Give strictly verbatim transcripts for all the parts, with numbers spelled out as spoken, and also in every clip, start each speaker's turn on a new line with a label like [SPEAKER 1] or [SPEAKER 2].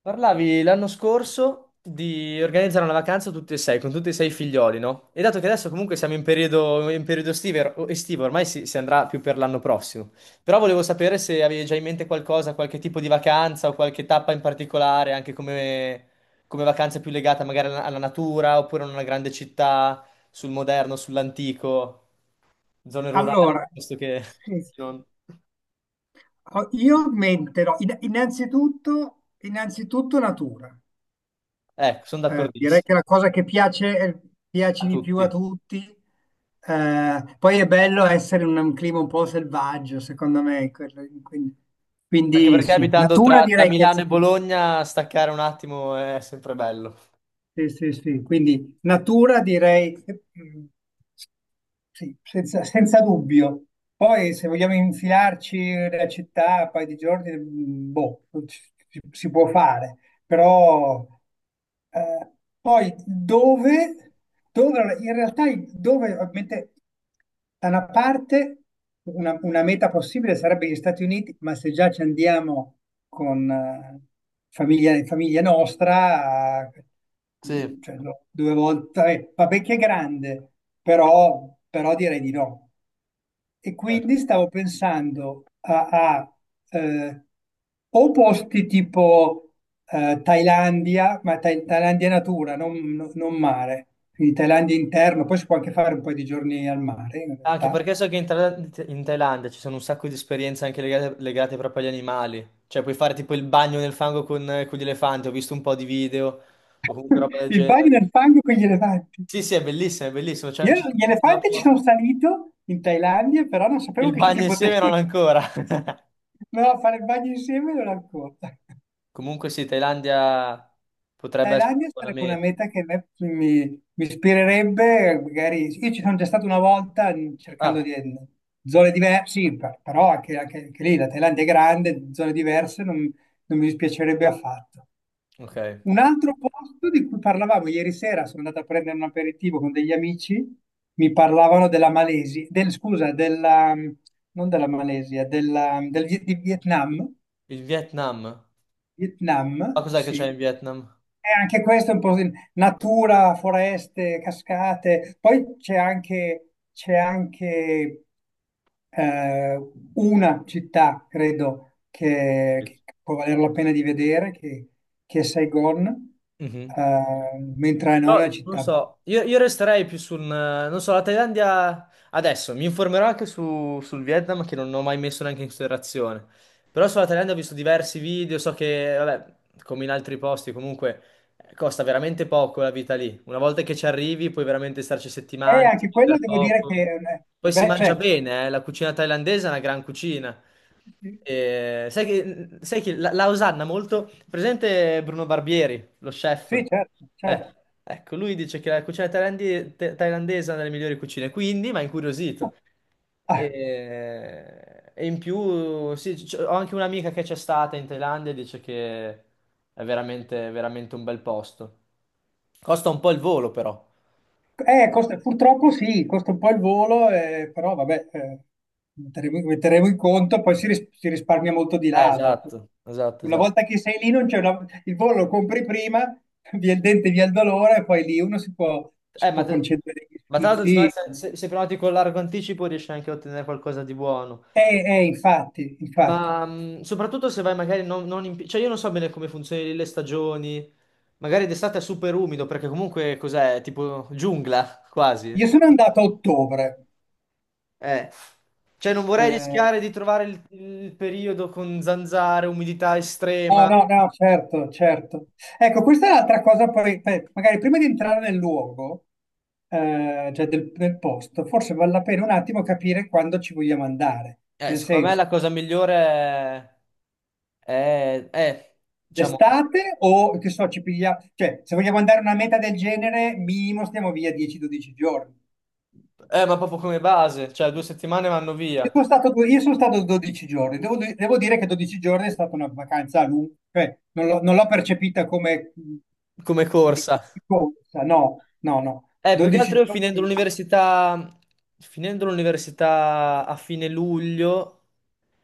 [SPEAKER 1] Parlavi l'anno scorso di organizzare una vacanza tutti e sei, con tutti e sei i figlioli, no? E dato che adesso comunque siamo in periodo, in periodo estive- o- estivo, ormai si, si andrà più per l'anno prossimo. Però volevo sapere se avevi già in mente qualcosa, qualche tipo di vacanza o qualche tappa in particolare, anche come, come vacanza più legata magari alla, alla natura, oppure a una grande città, sul moderno, sull'antico, zone rurali,
[SPEAKER 2] Allora,
[SPEAKER 1] piuttosto che...
[SPEAKER 2] sì, sì.
[SPEAKER 1] non-
[SPEAKER 2] ho- io menterò. In- Innanzitutto, innanzitutto natura.
[SPEAKER 1] Ecco, sono
[SPEAKER 2] Eh, direi
[SPEAKER 1] d'accordissimo,
[SPEAKER 2] che la cosa che piace, piace
[SPEAKER 1] a
[SPEAKER 2] di più a
[SPEAKER 1] tutti.
[SPEAKER 2] tutti. Eh, poi è bello essere in un clima un po' selvaggio, secondo me. quello- quindi,
[SPEAKER 1] Anche
[SPEAKER 2] quindi
[SPEAKER 1] perché
[SPEAKER 2] sì,
[SPEAKER 1] abitando
[SPEAKER 2] natura
[SPEAKER 1] tra, tra
[SPEAKER 2] direi che è
[SPEAKER 1] Milano e
[SPEAKER 2] sicuro.
[SPEAKER 1] Bologna, staccare un attimo è sempre bello.
[SPEAKER 2] Sì, sì, sì. Quindi natura direi. Sì, senza, senza dubbio. Poi se vogliamo infilarci la città, un paio di giorni, mh, boh, ci- ci- si può fare. Però eh, poi dove, dove, allora, in realtà i- dove ovviamente, da una parte, una, una meta possibile sarebbe gli Stati Uniti, ma se già ci andiamo con eh, famiglia, famiglia nostra, eh,
[SPEAKER 1] Sì,
[SPEAKER 2] cioè, no, due volte, eh, vabbè che è grande, però, però direi di no. E
[SPEAKER 1] certo.
[SPEAKER 2] quindi stavo pensando a, a, eh, o posti tipo eh, Thailandia, ma Tha- Thailandia natura, non, non- non mare, quindi Thailandia interno, poi si può anche fare un po' di giorni al mare in
[SPEAKER 1] Anche
[SPEAKER 2] realtà.
[SPEAKER 1] perché so che in, Thail- in Thailandia ci sono un sacco di esperienze anche legate, legate proprio agli animali. Cioè, puoi fare tipo il bagno nel fango con, con gli elefanti. Ho visto un po' di video o comunque roba del
[SPEAKER 2] Il bagno
[SPEAKER 1] genere.
[SPEAKER 2] nel fango con gli elefanti.
[SPEAKER 1] Sì, sì, è bellissimo, è bellissimo. Cioè,
[SPEAKER 2] Io
[SPEAKER 1] ci sono
[SPEAKER 2] gli
[SPEAKER 1] degli zoo
[SPEAKER 2] elefanti ci sono
[SPEAKER 1] apposta.
[SPEAKER 2] salito in Thailandia, però non sapevo
[SPEAKER 1] Il
[SPEAKER 2] che ci
[SPEAKER 1] bagno
[SPEAKER 2] si
[SPEAKER 1] insieme
[SPEAKER 2] potesse.
[SPEAKER 1] non ancora.
[SPEAKER 2] No, fare il bagno insieme non ancora.
[SPEAKER 1] Comunque sì, Thailandia potrebbe essere
[SPEAKER 2] Thailandia
[SPEAKER 1] una buona
[SPEAKER 2] sarebbe una
[SPEAKER 1] meta.
[SPEAKER 2] meta che a me mi, mi ispirerebbe, magari io ci sono già stato una volta, mh, cercando
[SPEAKER 1] Ah,
[SPEAKER 2] di, mm, zone diverse, sì, per- però anche, anche- anche lì la Thailandia è grande, zone diverse, non, non mi dispiacerebbe affatto.
[SPEAKER 1] ok.
[SPEAKER 2] Un altro posto di cui parlavamo ieri sera, sono andato a prendere un aperitivo con degli amici, mi parlavano della Malesia, del, scusa, della, mm, non della Malesia, della, mm, del Vi- di Vietnam,
[SPEAKER 1] Il Vietnam. Ma
[SPEAKER 2] Vietnam,
[SPEAKER 1] cos'è che
[SPEAKER 2] sì.
[SPEAKER 1] c'è in Vietnam?
[SPEAKER 2] Eh, anche questo è un po' di natura, foreste, cascate. Poi c'è anche, c'è anche eh, una città, credo, che, che può valere la pena di vedere, che, che è Saigon,
[SPEAKER 1] Mhm.
[SPEAKER 2] eh, mentre non è una
[SPEAKER 1] Però non
[SPEAKER 2] città.
[SPEAKER 1] so, io, io resterei più sul, non so, la Thailandia adesso, mi informerò anche su- sul Vietnam che non ho mai messo neanche in considerazione, però sulla Thailandia ho visto diversi video, so che, vabbè, come in altri posti comunque eh, costa veramente poco la vita lì, una volta che ci arrivi puoi veramente starci
[SPEAKER 2] E
[SPEAKER 1] settimane,
[SPEAKER 2] anche quello
[SPEAKER 1] spendere
[SPEAKER 2] devo dire
[SPEAKER 1] poco.
[SPEAKER 2] che... eh,
[SPEAKER 1] Poi si
[SPEAKER 2] beh,
[SPEAKER 1] mangia
[SPEAKER 2] cioè,
[SPEAKER 1] bene, eh, la cucina thailandese è una gran cucina.
[SPEAKER 2] sì,
[SPEAKER 1] E sai che, sai che la, la osanna molto... Presente Bruno Barbieri, lo chef?
[SPEAKER 2] sì, certo,
[SPEAKER 1] Eh,
[SPEAKER 2] certo.
[SPEAKER 1] ecco, lui dice che la cucina thailandi- th- thailandese è una delle migliori cucine, quindi mi ha incuriosito. E, e in più, sì, c- ho anche un'amica che c'è stata in Thailandia e dice che è veramente, veramente un bel posto. Costa un po' il volo, però.
[SPEAKER 2] Eh, costa- purtroppo sì, costa un po' il volo, eh, però vabbè, eh, metteremo, metteremo in conto, poi si, ris- si risparmia molto di
[SPEAKER 1] Eh,
[SPEAKER 2] là, dopo.
[SPEAKER 1] esatto, esatto,
[SPEAKER 2] Una
[SPEAKER 1] esatto.
[SPEAKER 2] volta che sei lì, non c'è una- il volo lo compri prima. Via il dente, via il dolore, e poi lì uno si può, si
[SPEAKER 1] Eh, ma,
[SPEAKER 2] può
[SPEAKER 1] te-
[SPEAKER 2] concedere gli
[SPEAKER 1] ma tra l'altro, secondo
[SPEAKER 2] sfizi.
[SPEAKER 1] me, se, se, se prenoti con largo anticipo riesci anche a ottenere qualcosa di buono.
[SPEAKER 2] Eh, eh, infatti, infatti.
[SPEAKER 1] Ma mh, soprattutto se vai magari non, non in... pi- Cioè, io non so bene come funzionano le stagioni. Magari d'estate è super umido, perché comunque cos'è? Tipo giungla, quasi.
[SPEAKER 2] Io sono andato a ottobre,
[SPEAKER 1] Eh. Cioè, non vorrei
[SPEAKER 2] eh,
[SPEAKER 1] rischiare di trovare il, il periodo con zanzare, umidità
[SPEAKER 2] no,
[SPEAKER 1] estrema.
[SPEAKER 2] no, no, certo, certo. Ecco, questa è l'altra cosa, poi, eh, magari prima di entrare nel luogo, eh, cioè del, del posto, forse vale la pena un attimo capire quando ci vogliamo andare.
[SPEAKER 1] Eh,
[SPEAKER 2] Nel
[SPEAKER 1] secondo me
[SPEAKER 2] senso,
[SPEAKER 1] la cosa migliore è... è, è diciamo...
[SPEAKER 2] d'estate o che so, ci pigliamo, cioè, se vogliamo andare a una meta del genere, minimo stiamo via dieci dodici giorni.
[SPEAKER 1] Eh, ma proprio come base, cioè due settimane vanno via
[SPEAKER 2] Io sono stato, due- io sono stato dodici giorni, devo, di- devo dire che dodici giorni è stata una vacanza lunga, cioè, non l'ho non l'ho percepita come, mh,
[SPEAKER 1] come
[SPEAKER 2] di
[SPEAKER 1] corsa.
[SPEAKER 2] corsa, no, no, no.
[SPEAKER 1] Eh, più che altro
[SPEAKER 2] dodici
[SPEAKER 1] io finendo
[SPEAKER 2] giorni.
[SPEAKER 1] l'università, finendo l'università a fine luglio,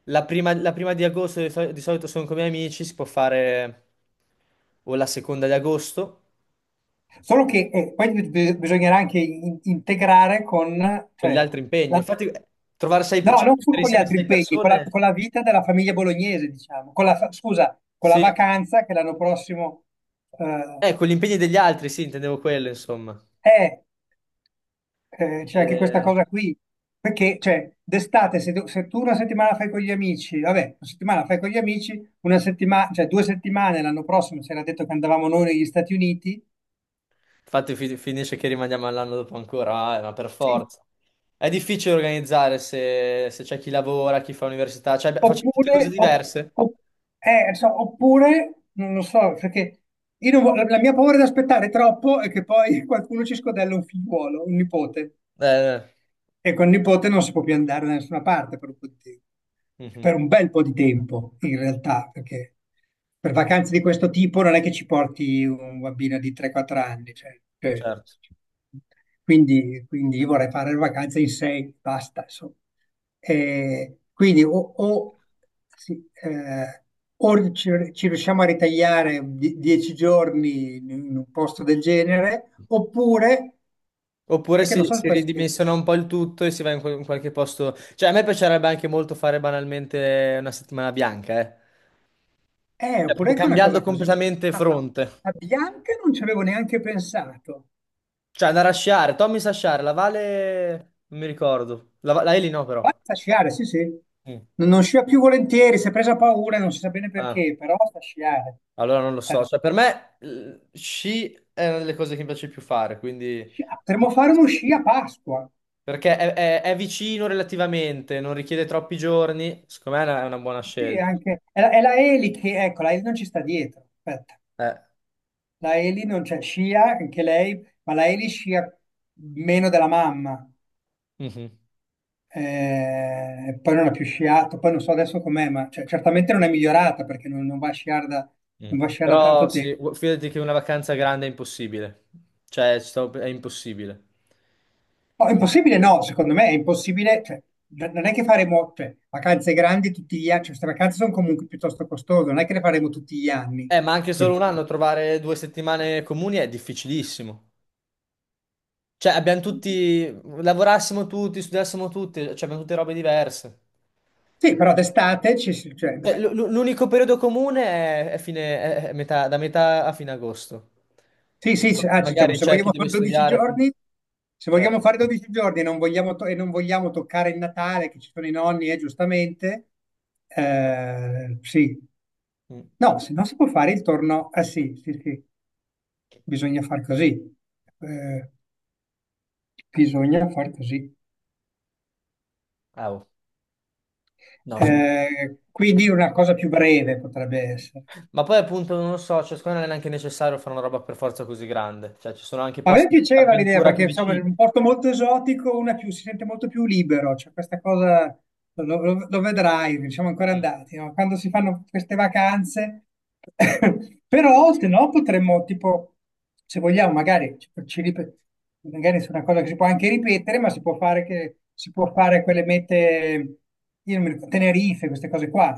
[SPEAKER 1] la prima, la prima di agosto di, sol- di solito sono con i miei amici, si può fare o la seconda di agosto,
[SPEAKER 2] Solo che eh, poi bi- bi- bisognerà anche in- integrare con,
[SPEAKER 1] con gli
[SPEAKER 2] cioè,
[SPEAKER 1] altri impegni.
[SPEAKER 2] la-
[SPEAKER 1] Infatti, eh, trovare sei, pe-
[SPEAKER 2] no,
[SPEAKER 1] cioè,
[SPEAKER 2] non su-
[SPEAKER 1] mettere
[SPEAKER 2] con gli
[SPEAKER 1] insieme
[SPEAKER 2] altri
[SPEAKER 1] sei
[SPEAKER 2] impegni, con la,
[SPEAKER 1] persone,
[SPEAKER 2] con la vita della famiglia bolognese, diciamo, con la, fa- scusa, con la
[SPEAKER 1] sì,
[SPEAKER 2] vacanza che l'anno prossimo, eh,
[SPEAKER 1] eh, con gli impegni degli altri, sì, intendevo quello, insomma.
[SPEAKER 2] è, eh, c'è anche questa
[SPEAKER 1] Eh,
[SPEAKER 2] cosa qui, perché, cioè, d'estate, se, tu se tu una settimana fai con gli amici, vabbè, una settimana fai con gli amici, una settimana, cioè due settimane l'anno prossimo, si era detto che andavamo noi negli Stati Uniti,
[SPEAKER 1] Infatti fi- finisce che rimaniamo all'anno dopo ancora, eh, ma per
[SPEAKER 2] sì.
[SPEAKER 1] forza. È difficile organizzare se, se c'è chi lavora, chi fa università, cioè beh, facciamo tutte cose
[SPEAKER 2] Oppure, op-
[SPEAKER 1] diverse.
[SPEAKER 2] op- eh, so- Oppure, non lo so, perché io non vo- la la mia paura di aspettare troppo è che poi qualcuno ci scodella un figliuolo, un nipote.
[SPEAKER 1] Eh, eh.
[SPEAKER 2] E con il nipote non si può più andare da nessuna parte per un po' di tempo.
[SPEAKER 1] Mhm,
[SPEAKER 2] Per un bel po' di tempo, in realtà, perché per vacanze di questo tipo non è che ci porti un bambino di tre quattro anni. Cioè, cioè,
[SPEAKER 1] certo.
[SPEAKER 2] quindi, quindi io vorrei fare le vacanze in sei, basta, insomma. Eh, quindi o, o, sì, eh, o ci, ci riusciamo a ritagliare die- dieci giorni in un posto del genere, oppure...
[SPEAKER 1] Oppure
[SPEAKER 2] È che non
[SPEAKER 1] si,
[SPEAKER 2] so se
[SPEAKER 1] si
[SPEAKER 2] può essere.
[SPEAKER 1] ridimensiona un po' il tutto e si va in, quel- in qualche posto. Cioè, a me piacerebbe anche molto fare banalmente una settimana bianca, eh.
[SPEAKER 2] Eh,
[SPEAKER 1] Cioè,
[SPEAKER 2] oppure
[SPEAKER 1] proprio
[SPEAKER 2] anche una
[SPEAKER 1] cambiando
[SPEAKER 2] cosa così.
[SPEAKER 1] completamente
[SPEAKER 2] Ah,
[SPEAKER 1] fronte.
[SPEAKER 2] a Bianca non ci avevo neanche pensato.
[SPEAKER 1] Cioè, andare a sciare. Tommy sa sciare, la Vale non mi ricordo. La, Va- la Eli no, però.
[SPEAKER 2] Guarda, sta a sciare, sì, sì.
[SPEAKER 1] Mm.
[SPEAKER 2] Non, non scia più volentieri, si è presa paura, non si sa bene
[SPEAKER 1] Ah.
[SPEAKER 2] perché, però sta a sciare.
[SPEAKER 1] Allora non lo so,
[SPEAKER 2] Eh,
[SPEAKER 1] cioè per me eh, sci è una delle cose che mi piace più fare, quindi
[SPEAKER 2] sci- ah, potremmo fare uno sci a Pasqua.
[SPEAKER 1] perché è, è- è vicino relativamente, non richiede troppi giorni, secondo me è una, è una buona
[SPEAKER 2] Sì,
[SPEAKER 1] scelta.
[SPEAKER 2] anche... È la, è la Eli che... Ecco, la Eli non ci sta dietro. Aspetta.
[SPEAKER 1] Eh,
[SPEAKER 2] La Eli non c'è, scia anche lei, ma la Eli scia meno della mamma.
[SPEAKER 1] mhm,
[SPEAKER 2] Eh, poi non ha più sciato, poi non so adesso com'è, ma cioè, certamente non è migliorata perché non, non va a sciare da,
[SPEAKER 1] mm.
[SPEAKER 2] non va a sciare da
[SPEAKER 1] Però
[SPEAKER 2] tanto tempo.
[SPEAKER 1] sì, gu- fidati che una vacanza grande è impossibile, cioè ci sto- è impossibile.
[SPEAKER 2] No, è impossibile no, secondo me è impossibile, cioè, n- non è che faremo, cioè, vacanze grandi tutti gli anni, cioè, queste vacanze sono comunque piuttosto costose, non è che le faremo tutti gli anni,
[SPEAKER 1] Eh, ma anche
[SPEAKER 2] per
[SPEAKER 1] solo un
[SPEAKER 2] cui...
[SPEAKER 1] anno trovare due settimane comuni è difficilissimo. Cioè abbiamo tutti, lavorassimo tutti, studiassimo tutti, cioè abbiamo tutte robe diverse.
[SPEAKER 2] Sì, però d'estate ci si- cioè,
[SPEAKER 1] Cioè,
[SPEAKER 2] dai,
[SPEAKER 1] l- l- l'unico periodo comune è, è fine- è- è metà- da metà a fine agosto.
[SPEAKER 2] sì, sì, se- ah, diciamo,
[SPEAKER 1] Magari
[SPEAKER 2] se
[SPEAKER 1] c'è chi
[SPEAKER 2] vogliamo
[SPEAKER 1] deve
[SPEAKER 2] fare dodici
[SPEAKER 1] studiare.
[SPEAKER 2] giorni, se
[SPEAKER 1] Cioè,
[SPEAKER 2] vogliamo fare 12 giorni e non vogliamo, to- e non vogliamo toccare il Natale, che ci sono i nonni, eh, giustamente, eh, sì.
[SPEAKER 1] mm,
[SPEAKER 2] No, se no si può fare il torno, ah sì, sì, sì, bisogna far così. Eh, bisogna far così.
[SPEAKER 1] ah, oh, no, scusa.
[SPEAKER 2] Eh, quindi una cosa più breve potrebbe essere.
[SPEAKER 1] Ma poi appunto non lo so, cioè, secondo me non è neanche necessario fare una roba per forza così grande. Cioè, ci sono anche
[SPEAKER 2] A me
[SPEAKER 1] posti di
[SPEAKER 2] piaceva l'idea
[SPEAKER 1] avventura più
[SPEAKER 2] perché insomma è
[SPEAKER 1] vicini.
[SPEAKER 2] un posto molto esotico, uno è più- si sente molto più libero, cioè questa cosa lo, lo- lo vedrai, non siamo ancora andati, no? Quando si fanno queste vacanze. Però se no potremmo tipo, se vogliamo magari, ci- ci ripet- magari su una cosa che si può anche ripetere, ma si può fare, che, si può fare quelle mete, io non mi ricordo, Tenerife, queste cose qua.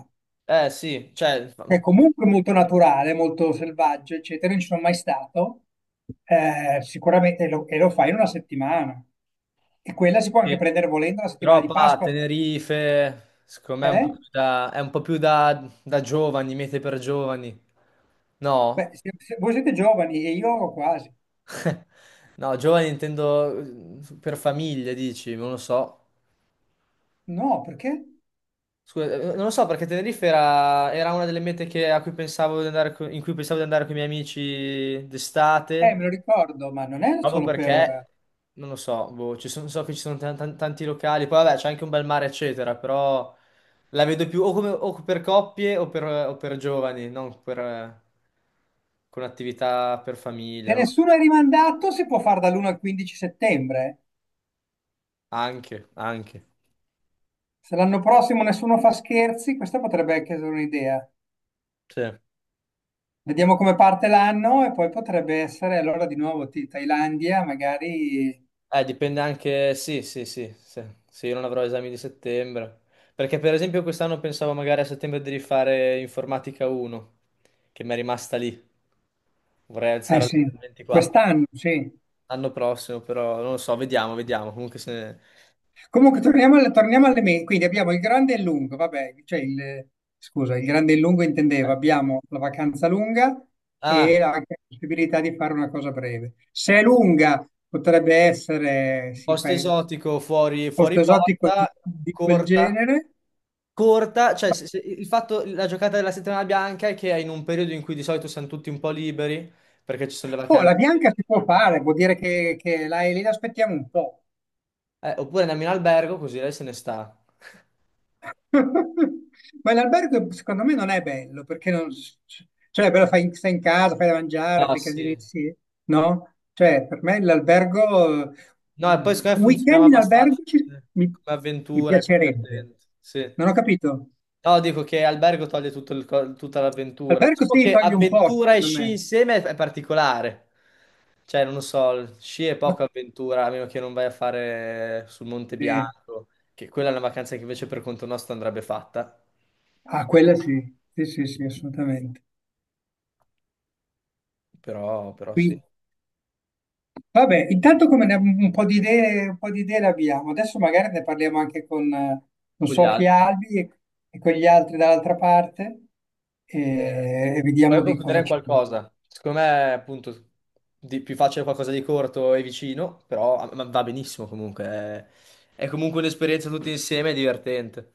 [SPEAKER 1] Eh sì, cioè,
[SPEAKER 2] È comunque molto naturale, molto selvaggio, eccetera. Non ci sono mai stato, eh, sicuramente, e lo, e lo fai in una settimana. E quella si può anche
[SPEAKER 1] sì.
[SPEAKER 2] prendere volendo la settimana
[SPEAKER 1] Però
[SPEAKER 2] di
[SPEAKER 1] qua,
[SPEAKER 2] Pasqua.
[SPEAKER 1] Tenerife, secondo me è un
[SPEAKER 2] Eh?
[SPEAKER 1] po' più da, è un po' più da, da giovani, mete per giovani.
[SPEAKER 2] Beh,
[SPEAKER 1] No?
[SPEAKER 2] se- se voi siete giovani e io quasi.
[SPEAKER 1] No, giovani intendo eh, per famiglie, dici, non lo so.
[SPEAKER 2] No, perché?
[SPEAKER 1] Scusa, eh, non lo so perché Tenerife era, era una delle mete che- a cui pensavo di andare, co- in cui pensavo di andare con i miei amici
[SPEAKER 2] Eh,
[SPEAKER 1] d'estate,
[SPEAKER 2] me lo ricordo, ma non è
[SPEAKER 1] proprio
[SPEAKER 2] solo per...
[SPEAKER 1] perché, non lo so, boh, ci sono- so che ci sono tan- tan- tanti locali, poi vabbè c'è anche un bel mare, eccetera, però la vedo più o, come- o per coppie o per, o per giovani, non per, eh, con attività per
[SPEAKER 2] Se
[SPEAKER 1] famiglie, non lo so.
[SPEAKER 2] nessuno è rimandato, si può fare dall'uno al quindici settembre.
[SPEAKER 1] Anche, anche.
[SPEAKER 2] Se l'anno prossimo nessuno fa scherzi, questa potrebbe anche essere un'idea.
[SPEAKER 1] Sì.
[SPEAKER 2] Vediamo come parte l'anno e poi potrebbe essere allora di nuovo Ti- Thailandia, magari.
[SPEAKER 1] Eh, dipende anche, sì, sì, sì, se, se io non avrò esami di settembre. Perché per esempio quest'anno pensavo magari a settembre di rifare informatica uno, che mi è rimasta lì. Vorrei
[SPEAKER 2] Eh
[SPEAKER 1] alzare al
[SPEAKER 2] sì,
[SPEAKER 1] ventiquattro.
[SPEAKER 2] quest'anno, sì.
[SPEAKER 1] L'anno prossimo, però non lo so, vediamo, vediamo. Comunque se... eh?
[SPEAKER 2] Comunque torniamo alle, torniamo alle me- quindi abbiamo il grande e il lungo, vabbè, cioè il, scusa, il grande e il lungo intendevo, abbiamo la vacanza lunga e
[SPEAKER 1] Ah,
[SPEAKER 2] la possibilità di fare una cosa breve. Se è lunga, potrebbe essere,
[SPEAKER 1] un
[SPEAKER 2] sì,
[SPEAKER 1] posto
[SPEAKER 2] paese,
[SPEAKER 1] esotico fuori, fuori
[SPEAKER 2] posto esotico di,
[SPEAKER 1] porta,
[SPEAKER 2] di quel
[SPEAKER 1] corta.
[SPEAKER 2] genere.
[SPEAKER 1] Corta, cioè se- se- il fatto, la giocata della settimana bianca è che è in un periodo in cui di solito siamo tutti un po' liberi, perché ci sono le
[SPEAKER 2] Oh, la
[SPEAKER 1] vacanze.
[SPEAKER 2] bianca si può fare, vuol dire che, che la, lì l'aspettiamo un po'.
[SPEAKER 1] Eh, oppure andiamo in albergo così lei se ne sta.
[SPEAKER 2] Ma l'albergo secondo me non è bello, perché non... Cioè, però fai, stai in casa, fai da mangiare,
[SPEAKER 1] Ah,
[SPEAKER 2] fai casini,
[SPEAKER 1] sì.
[SPEAKER 2] sì, no? Cioè, per me l'albergo...
[SPEAKER 1] No, e
[SPEAKER 2] mm,
[SPEAKER 1] poi secondo me
[SPEAKER 2] un
[SPEAKER 1] funzioniamo
[SPEAKER 2] weekend in
[SPEAKER 1] abbastanza
[SPEAKER 2] albergo ci-
[SPEAKER 1] come
[SPEAKER 2] mi,
[SPEAKER 1] come
[SPEAKER 2] mi
[SPEAKER 1] avventura, è più
[SPEAKER 2] piacerebbe.
[SPEAKER 1] divertente. Sì.
[SPEAKER 2] Non ho capito.
[SPEAKER 1] No, dico che albergo toglie tutto il co- tutta l'avventura.
[SPEAKER 2] Albergo
[SPEAKER 1] Diciamo
[SPEAKER 2] sì,
[SPEAKER 1] che
[SPEAKER 2] togli un po',
[SPEAKER 1] avventura e
[SPEAKER 2] secondo
[SPEAKER 1] sci
[SPEAKER 2] me.
[SPEAKER 1] insieme è è particolare. Cioè, non lo so, sci è
[SPEAKER 2] No,
[SPEAKER 1] poca avventura, a meno che non vai a fare sul Monte
[SPEAKER 2] sì.
[SPEAKER 1] Bianco, che quella è una vacanza che invece per conto nostro andrebbe fatta.
[SPEAKER 2] Ah, quella sì. Sì, sì, sì, assolutamente.
[SPEAKER 1] Però, però sì,
[SPEAKER 2] Qui, vabbè, intanto come ne- un po' di idee, un po' di idee le abbiamo. Adesso magari ne parliamo anche con, eh, con
[SPEAKER 1] con gli altri.
[SPEAKER 2] Sofia Albi e, e con gli altri dall'altra parte
[SPEAKER 1] Eh,
[SPEAKER 2] e, e
[SPEAKER 1] Puoi
[SPEAKER 2] vediamo di
[SPEAKER 1] concludere
[SPEAKER 2] cosa
[SPEAKER 1] in
[SPEAKER 2] ci...
[SPEAKER 1] qualcosa. Secondo me, appunto, di- più facile qualcosa di corto e vicino, però ah, ma va benissimo comunque. È, è comunque un'esperienza tutti insieme e divertente.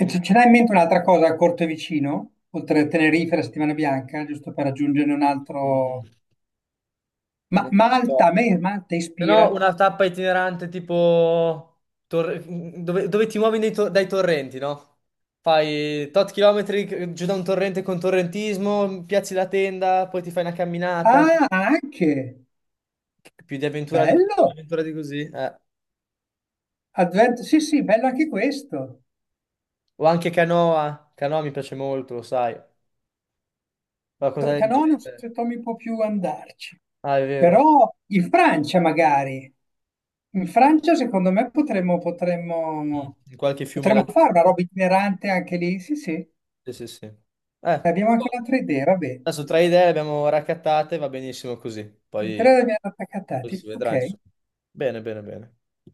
[SPEAKER 2] E ce
[SPEAKER 1] Mm,
[SPEAKER 2] ce l'hai in mente un'altra cosa a corto e vicino, oltre a Tenerife e la Settimana Bianca, giusto per aggiungere un
[SPEAKER 1] mm,
[SPEAKER 2] altro... Ma
[SPEAKER 1] non lo
[SPEAKER 2] Malta,
[SPEAKER 1] so.
[SPEAKER 2] a me Malta
[SPEAKER 1] Se
[SPEAKER 2] ispira.
[SPEAKER 1] no, una tappa itinerante tipo torre- dove, dove ti muovi nei to- dai torrenti, no? Fai tot chilometri giù da un torrente con torrentismo, piazzi la tenda, poi ti fai una camminata.
[SPEAKER 2] Ah, anche!
[SPEAKER 1] Più di avventura di, più di
[SPEAKER 2] Bello!
[SPEAKER 1] avventura di così. Eh.
[SPEAKER 2] Advent... Sì, sì, bello anche questo.
[SPEAKER 1] O anche Canoa. Canoa mi piace molto, lo sai. Qualcosa
[SPEAKER 2] To-
[SPEAKER 1] del
[SPEAKER 2] Canò non so
[SPEAKER 1] genere.
[SPEAKER 2] se Tommy può più andarci,
[SPEAKER 1] Ah, è vero.
[SPEAKER 2] però in Francia magari. In Francia, secondo me, potremmo,
[SPEAKER 1] Mm,
[SPEAKER 2] potremmo,
[SPEAKER 1] in qualche fiume
[SPEAKER 2] potremmo
[SPEAKER 1] laggiù.
[SPEAKER 2] fare una roba itinerante anche lì. Sì, sì,
[SPEAKER 1] Sì, sì, sì. Eh,
[SPEAKER 2] abbiamo anche
[SPEAKER 1] buono.
[SPEAKER 2] un'altra idea, va bene.
[SPEAKER 1] Adesso tre idee le abbiamo raccattate, va benissimo così. Poi,
[SPEAKER 2] Andrea abbiamo
[SPEAKER 1] poi si
[SPEAKER 2] attaccati.
[SPEAKER 1] vedrà,
[SPEAKER 2] Ok.
[SPEAKER 1] insomma. Bene, bene, bene.